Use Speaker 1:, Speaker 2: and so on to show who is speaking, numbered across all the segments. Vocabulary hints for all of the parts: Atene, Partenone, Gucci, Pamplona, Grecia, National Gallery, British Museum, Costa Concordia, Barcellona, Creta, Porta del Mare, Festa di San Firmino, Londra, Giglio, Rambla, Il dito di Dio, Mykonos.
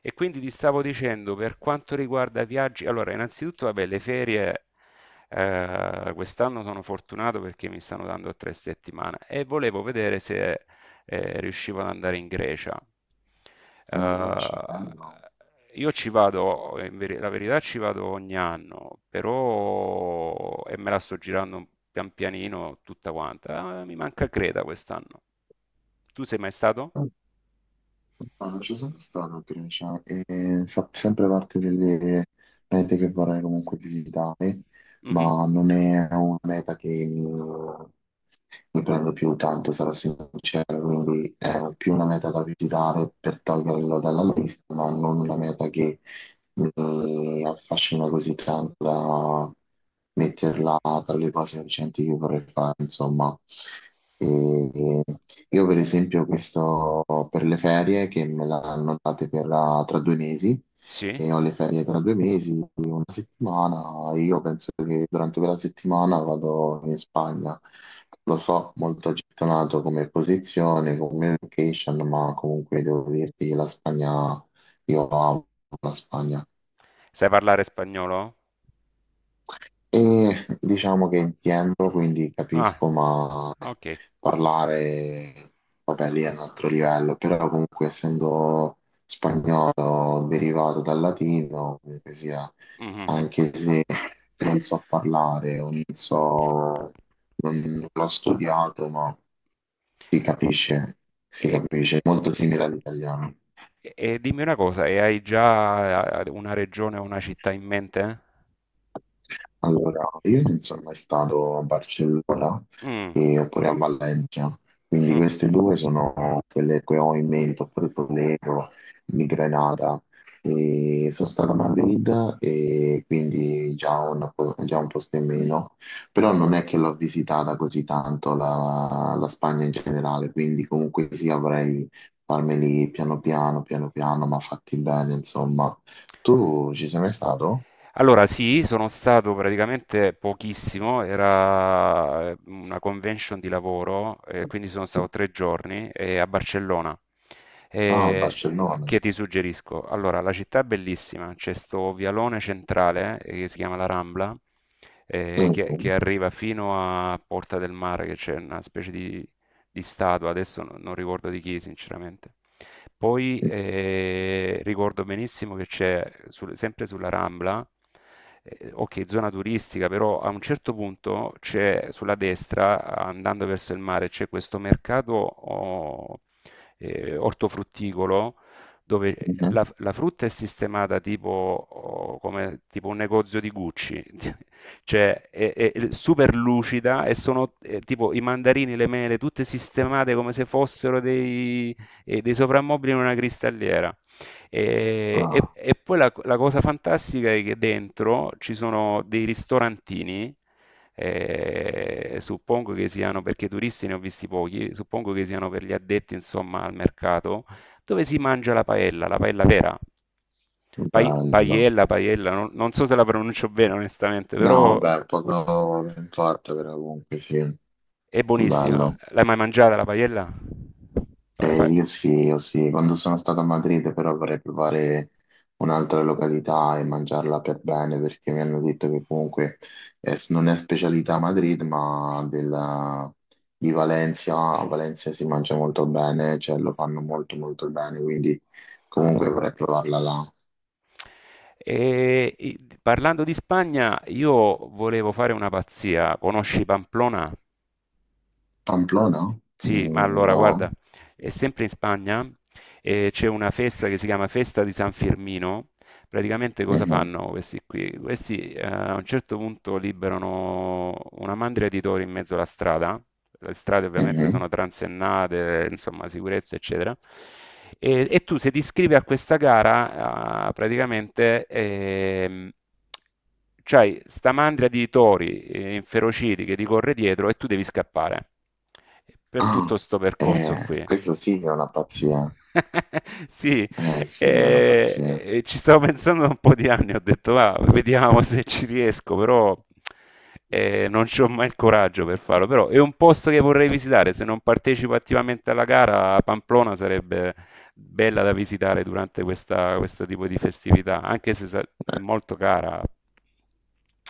Speaker 1: E quindi ti stavo dicendo, per quanto riguarda viaggi, allora innanzitutto vabbè, le ferie quest'anno sono fortunato perché mi stanno dando tre settimane e volevo vedere se riuscivo ad andare in Grecia.
Speaker 2: In Grecia, bello.
Speaker 1: Eh, io ci vado, la verità ci vado ogni anno, però e me la sto girando pian pianino tutta quanta. Mi manca Creta quest'anno. Tu sei mai stato?
Speaker 2: No, non ci sono stato a Grecia e fa sempre parte delle mete che vorrei comunque visitare,
Speaker 1: Mhm.
Speaker 2: ma non è una meta che, ne prendo più tanto, sarò sincero. Quindi è più una meta da visitare per toglierlo dalla lista, ma non una meta che mi affascina così tanto da metterla tra le cose recenti che vorrei fare, insomma. E io per esempio questo per le ferie che me l'hanno date per la- tra due mesi
Speaker 1: Sì.
Speaker 2: e ho le ferie tra due mesi, una settimana, e io penso che durante quella settimana vado in Spagna. Lo so, molto gettonato come posizione, come location, ma comunque devo dirti che la Spagna, io amo la Spagna.
Speaker 1: Sai parlare spagnolo?
Speaker 2: E diciamo che intendo, quindi
Speaker 1: Ah.
Speaker 2: capisco, ma
Speaker 1: Ok.
Speaker 2: parlare, vabbè, lì è un altro livello, però comunque essendo spagnolo derivato dal latino, comunque sia,
Speaker 1: Mhm.
Speaker 2: anche se non so parlare o non so, non l'ho studiato, ma si capisce, si
Speaker 1: E,
Speaker 2: capisce, è molto simile all'italiano.
Speaker 1: e dimmi una cosa, e hai già una regione o una città in mente?
Speaker 2: Allora, io non sono mai stato a Barcellona oppure a Valencia, quindi
Speaker 1: Mm.
Speaker 2: queste due sono quelle che ho in mente, oppure Toledo, di Granada. E sono stato a Madrid e quindi già un, già un posto in meno, però non è che l'ho visitata così tanto la Spagna in generale, quindi comunque sì, avrei farmeli piano piano, piano piano, ma fatti bene, insomma. Tu ci sei mai stato?
Speaker 1: Allora sì, sono stato praticamente pochissimo, era una convention di lavoro, quindi sono stato tre giorni a Barcellona.
Speaker 2: Ah,
Speaker 1: Eh,
Speaker 2: Barcellona.
Speaker 1: che ti suggerisco? Allora, la città è bellissima, c'è sto vialone centrale che si chiama la Rambla,
Speaker 2: Mhm.
Speaker 1: che arriva fino a Porta del Mare, che c'è una specie di statua, adesso non ricordo di chi sinceramente. Poi ricordo benissimo che c'è, sempre sulla Rambla, ok, zona turistica, però a un certo punto c'è sulla destra, andando verso il mare, c'è questo mercato oh, ortofrutticolo dove
Speaker 2: Mhm.
Speaker 1: la frutta è sistemata tipo, oh, come, tipo un negozio di Gucci, cioè è super lucida e sono tipo i mandarini, le mele, tutte sistemate come se fossero dei e dei soprammobili in una cristalliera.
Speaker 2: Ah,
Speaker 1: E poi la cosa fantastica è che dentro ci sono dei ristorantini, suppongo che siano, perché turisti ne ho visti pochi, suppongo che siano per gli addetti, insomma, al mercato, dove si mangia la paella vera.
Speaker 2: bello.
Speaker 1: Paiella, paiella, non so se la pronuncio bene onestamente,
Speaker 2: No,
Speaker 1: però
Speaker 2: vabbè, poco non importa, però comunque sì,
Speaker 1: è buonissima.
Speaker 2: bello.
Speaker 1: L'hai mai mangiata la paiella? Pa-
Speaker 2: Eh,
Speaker 1: pa-
Speaker 2: io sì, io sì, quando sono stato a Madrid però vorrei provare un'altra località e mangiarla per bene perché mi hanno detto che comunque non è specialità a Madrid ma di Valencia, a Valencia si mangia molto bene, cioè lo fanno molto molto bene, quindi comunque vorrei provarla là.
Speaker 1: E, parlando di Spagna, io volevo fare una pazzia. Conosci Pamplona?
Speaker 2: Pamplona?
Speaker 1: Sì, ma
Speaker 2: Mm,
Speaker 1: allora guarda,
Speaker 2: no.
Speaker 1: è sempre in Spagna e c'è una festa che si chiama Festa di San Firmino. Praticamente cosa
Speaker 2: Mhm,
Speaker 1: fanno questi qui? Questi a un certo punto liberano una mandria di tori in mezzo alla strada, le strade ovviamente
Speaker 2: mhm.
Speaker 1: sono transennate, insomma sicurezza eccetera, e tu se ti iscrivi a questa gara praticamente c'hai sta mandria di tori inferociti che ti corre dietro e tu devi scappare per
Speaker 2: Ah,
Speaker 1: tutto sto percorso qui.
Speaker 2: questo sì che è una pazzia.
Speaker 1: Sì,
Speaker 2: Sì, è una
Speaker 1: e,
Speaker 2: pazzia.
Speaker 1: e ci stavo pensando da un po' di anni, ho detto va, vediamo se ci riesco, però non ho mai il coraggio per farlo, però è un posto che vorrei visitare, se non partecipo attivamente alla gara, Pamplona sarebbe bella da visitare durante questa, questo tipo di festività, anche se è molto cara.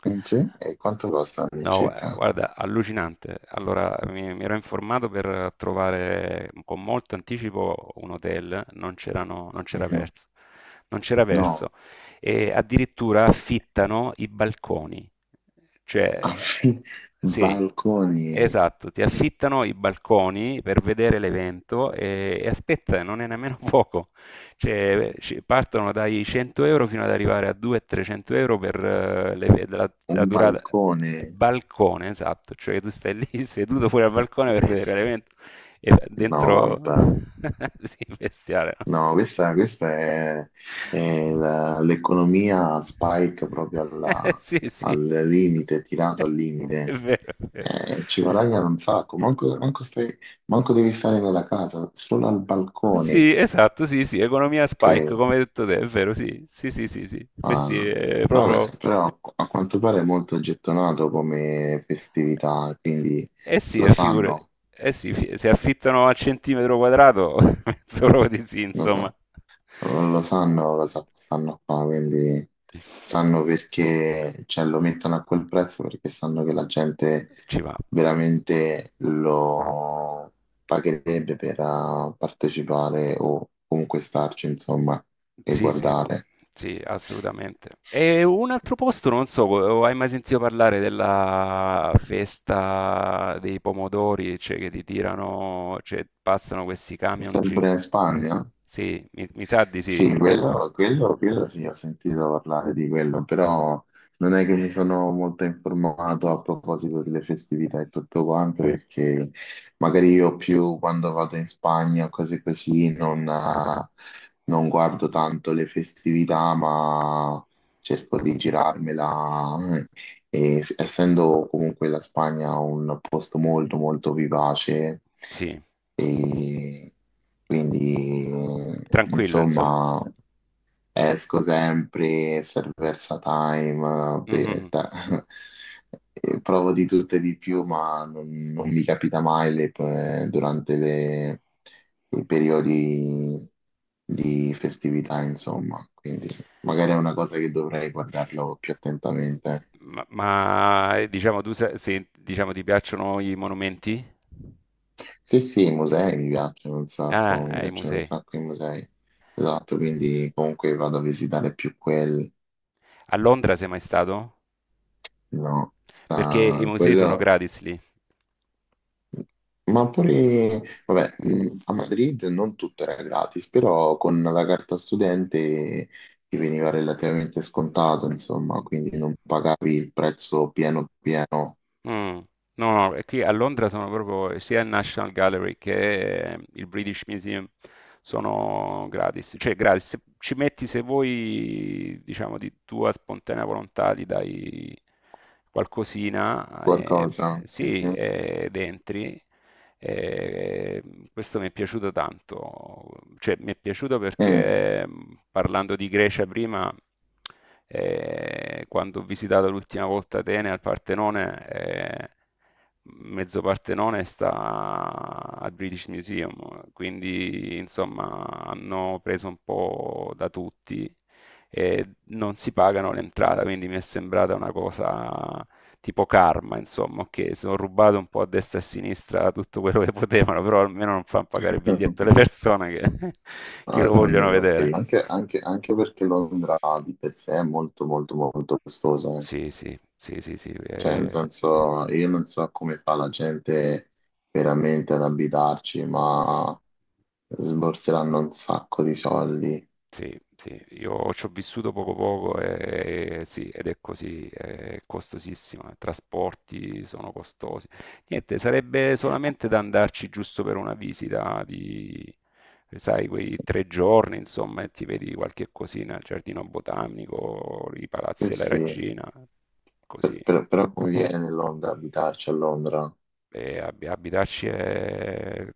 Speaker 2: Mm, sì? E quanto costa
Speaker 1: No,
Speaker 2: all'incirca?
Speaker 1: guarda, allucinante. Allora, mi ero informato per trovare con molto anticipo un hotel, non c'erano, non c'era
Speaker 2: Mhm.
Speaker 1: verso, non c'era
Speaker 2: No,
Speaker 1: verso. E addirittura affittano i balconi. Cioè,
Speaker 2: affi-
Speaker 1: sì,
Speaker 2: balconi,
Speaker 1: esatto, ti affittano i balconi per vedere l'evento e aspetta, non è nemmeno poco. Cioè, partono dai 100 euro fino ad arrivare a 200-300 euro per la
Speaker 2: un
Speaker 1: durata.
Speaker 2: balcone.
Speaker 1: Balcone, esatto, cioè tu stai lì seduto fuori al balcone per vedere l'evento e
Speaker 2: No,
Speaker 1: dentro...
Speaker 2: vabbè.
Speaker 1: sì, bestiale, no?
Speaker 2: No, questa è l'economia spike proprio
Speaker 1: Sì, sì,
Speaker 2: al limite, tirato al
Speaker 1: è
Speaker 2: limite.
Speaker 1: vero, è vero.
Speaker 2: Ci guadagnano un sacco, manco, manco devi stare nella casa, solo al balcone.
Speaker 1: Sì, esatto, sì, sì, economia spike,
Speaker 2: che-
Speaker 1: come hai detto te, è vero, sì, sì, sì, sì, sì. Questi
Speaker 2: ah,
Speaker 1: è proprio...
Speaker 2: vabbè, però a quanto pare è molto gettonato come festività,
Speaker 1: Eh,
Speaker 2: quindi
Speaker 1: eh sì,
Speaker 2: lo
Speaker 1: figurati.
Speaker 2: sanno,
Speaker 1: Eh sì, se affittano a centimetro quadrato, penso proprio di sì,
Speaker 2: lo
Speaker 1: insomma.
Speaker 2: so. Non lo sanno, stanno qua, quindi sanno perché, cioè, lo mettono a quel prezzo perché sanno che la gente
Speaker 1: Ci va.
Speaker 2: veramente lo pagherebbe per partecipare o comunque starci, insomma, e
Speaker 1: Sì, sì,
Speaker 2: guardare.
Speaker 1: sì, assolutamente. E un altro posto, non so, hai mai sentito parlare della festa dei pomodori, cioè che ti tirano, cioè passano questi camion
Speaker 2: Sempre in Spagna?
Speaker 1: Sì, mi sa di sì.
Speaker 2: Sì, quello sì, ho sentito parlare di quello, però non è che mi sono molto informato a proposito delle festività e tutto quanto, perché magari io più quando vado in Spagna o cose così non, non guardo tanto le festività, ma cerco di girarmela e essendo comunque la Spagna un posto molto molto vivace,
Speaker 1: Sì,
Speaker 2: e quindi
Speaker 1: tranquillo, insomma.
Speaker 2: insomma esco sempre, Cerveza Time,
Speaker 1: Mhm.
Speaker 2: e provo di tutto e di più, ma non, non mi capita mai durante i periodi di festività, insomma. Quindi magari è una cosa che dovrei guardarlo più attentamente.
Speaker 1: Diciamo, tu se, se, diciamo, ti piacciono i monumenti?
Speaker 2: Sì, sì, i musei mi piacciono un
Speaker 1: Ah,
Speaker 2: sacco, mi
Speaker 1: ai
Speaker 2: piacciono un
Speaker 1: musei.
Speaker 2: sacco i musei. Esatto, quindi comunque vado a visitare più quelli,
Speaker 1: A Londra sei mai stato?
Speaker 2: no?
Speaker 1: Perché i
Speaker 2: Sta
Speaker 1: musei sono
Speaker 2: quello.
Speaker 1: gratis lì.
Speaker 2: Ma pure, vabbè, a Madrid non tutto era gratis, però con la carta studente ti veniva relativamente scontato, insomma, quindi non pagavi il prezzo pieno pieno,
Speaker 1: Mm. No, no, e qui a Londra sono proprio sia il National Gallery che il British Museum sono gratis. Cioè, gratis. Se ci metti, se vuoi, diciamo, di tua spontanea volontà, gli dai qualcosina,
Speaker 2: qualcosa.
Speaker 1: sì,
Speaker 2: Mhm.
Speaker 1: ed entri. E questo mi è piaciuto tanto, cioè mi è piaciuto
Speaker 2: Mm.
Speaker 1: perché parlando di Grecia prima, quando ho visitato l'ultima volta Atene al Partenone, mezzo Partenone sta al British Museum, quindi insomma hanno preso un po' da tutti e non si pagano l'entrata, quindi mi è sembrata una cosa tipo Karma, insomma, che sono rubato un po' a destra e a sinistra tutto quello che potevano, però almeno non fanno pagare il biglietto alle persone che, che lo vogliono
Speaker 2: Almeno
Speaker 1: vedere.
Speaker 2: quello. Anche, Londra di per sé è molto molto molto costosa, eh.
Speaker 1: Sì, sì, sì, sì, sì.
Speaker 2: Cioè, nel
Speaker 1: Eh.
Speaker 2: senso, io non so come fa la gente veramente ad abitarci, ma sborseranno un sacco di soldi.
Speaker 1: Sì, sì, io ci ho vissuto poco poco e sì, ed è così, è costosissima, i trasporti sono costosi. Niente, sarebbe solamente da andarci giusto per una visita di, sai, quei tre giorni, insomma, e ti vedi qualche cosina, il giardino botanico, i
Speaker 2: Eh
Speaker 1: palazzi della
Speaker 2: sì,
Speaker 1: regina, così.
Speaker 2: però conviene Londra abitarci a Londra.
Speaker 1: E abitarci è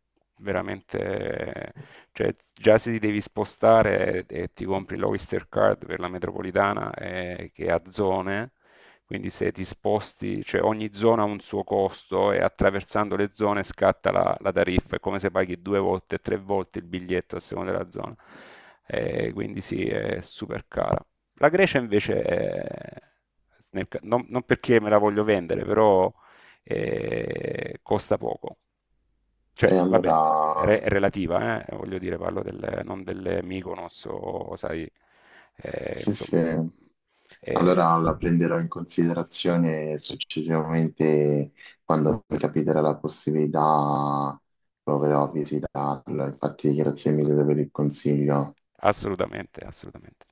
Speaker 1: veramente, cioè già se ti devi spostare e ti compri l'Oyster Card per la metropolitana che ha zone, quindi se ti sposti, cioè ogni zona ha un suo costo e attraversando le zone scatta la tariffa, è come se paghi due volte, tre volte il biglietto a seconda della zona. Quindi sì, è super cara. La Grecia invece è- nel ca- non, non perché me la voglio vendere, però costa poco.
Speaker 2: E
Speaker 1: Cioè,
Speaker 2: allora,
Speaker 1: vabbè, è relativa, voglio dire, parlo del, non delle Mykonos o, sai,
Speaker 2: sì, sì.
Speaker 1: insomma, eh,
Speaker 2: Allora la prenderò in considerazione successivamente quando mi capiterà la possibilità, proverò a visitarlo. Infatti, grazie mille per il consiglio.
Speaker 1: assolutamente, assolutamente.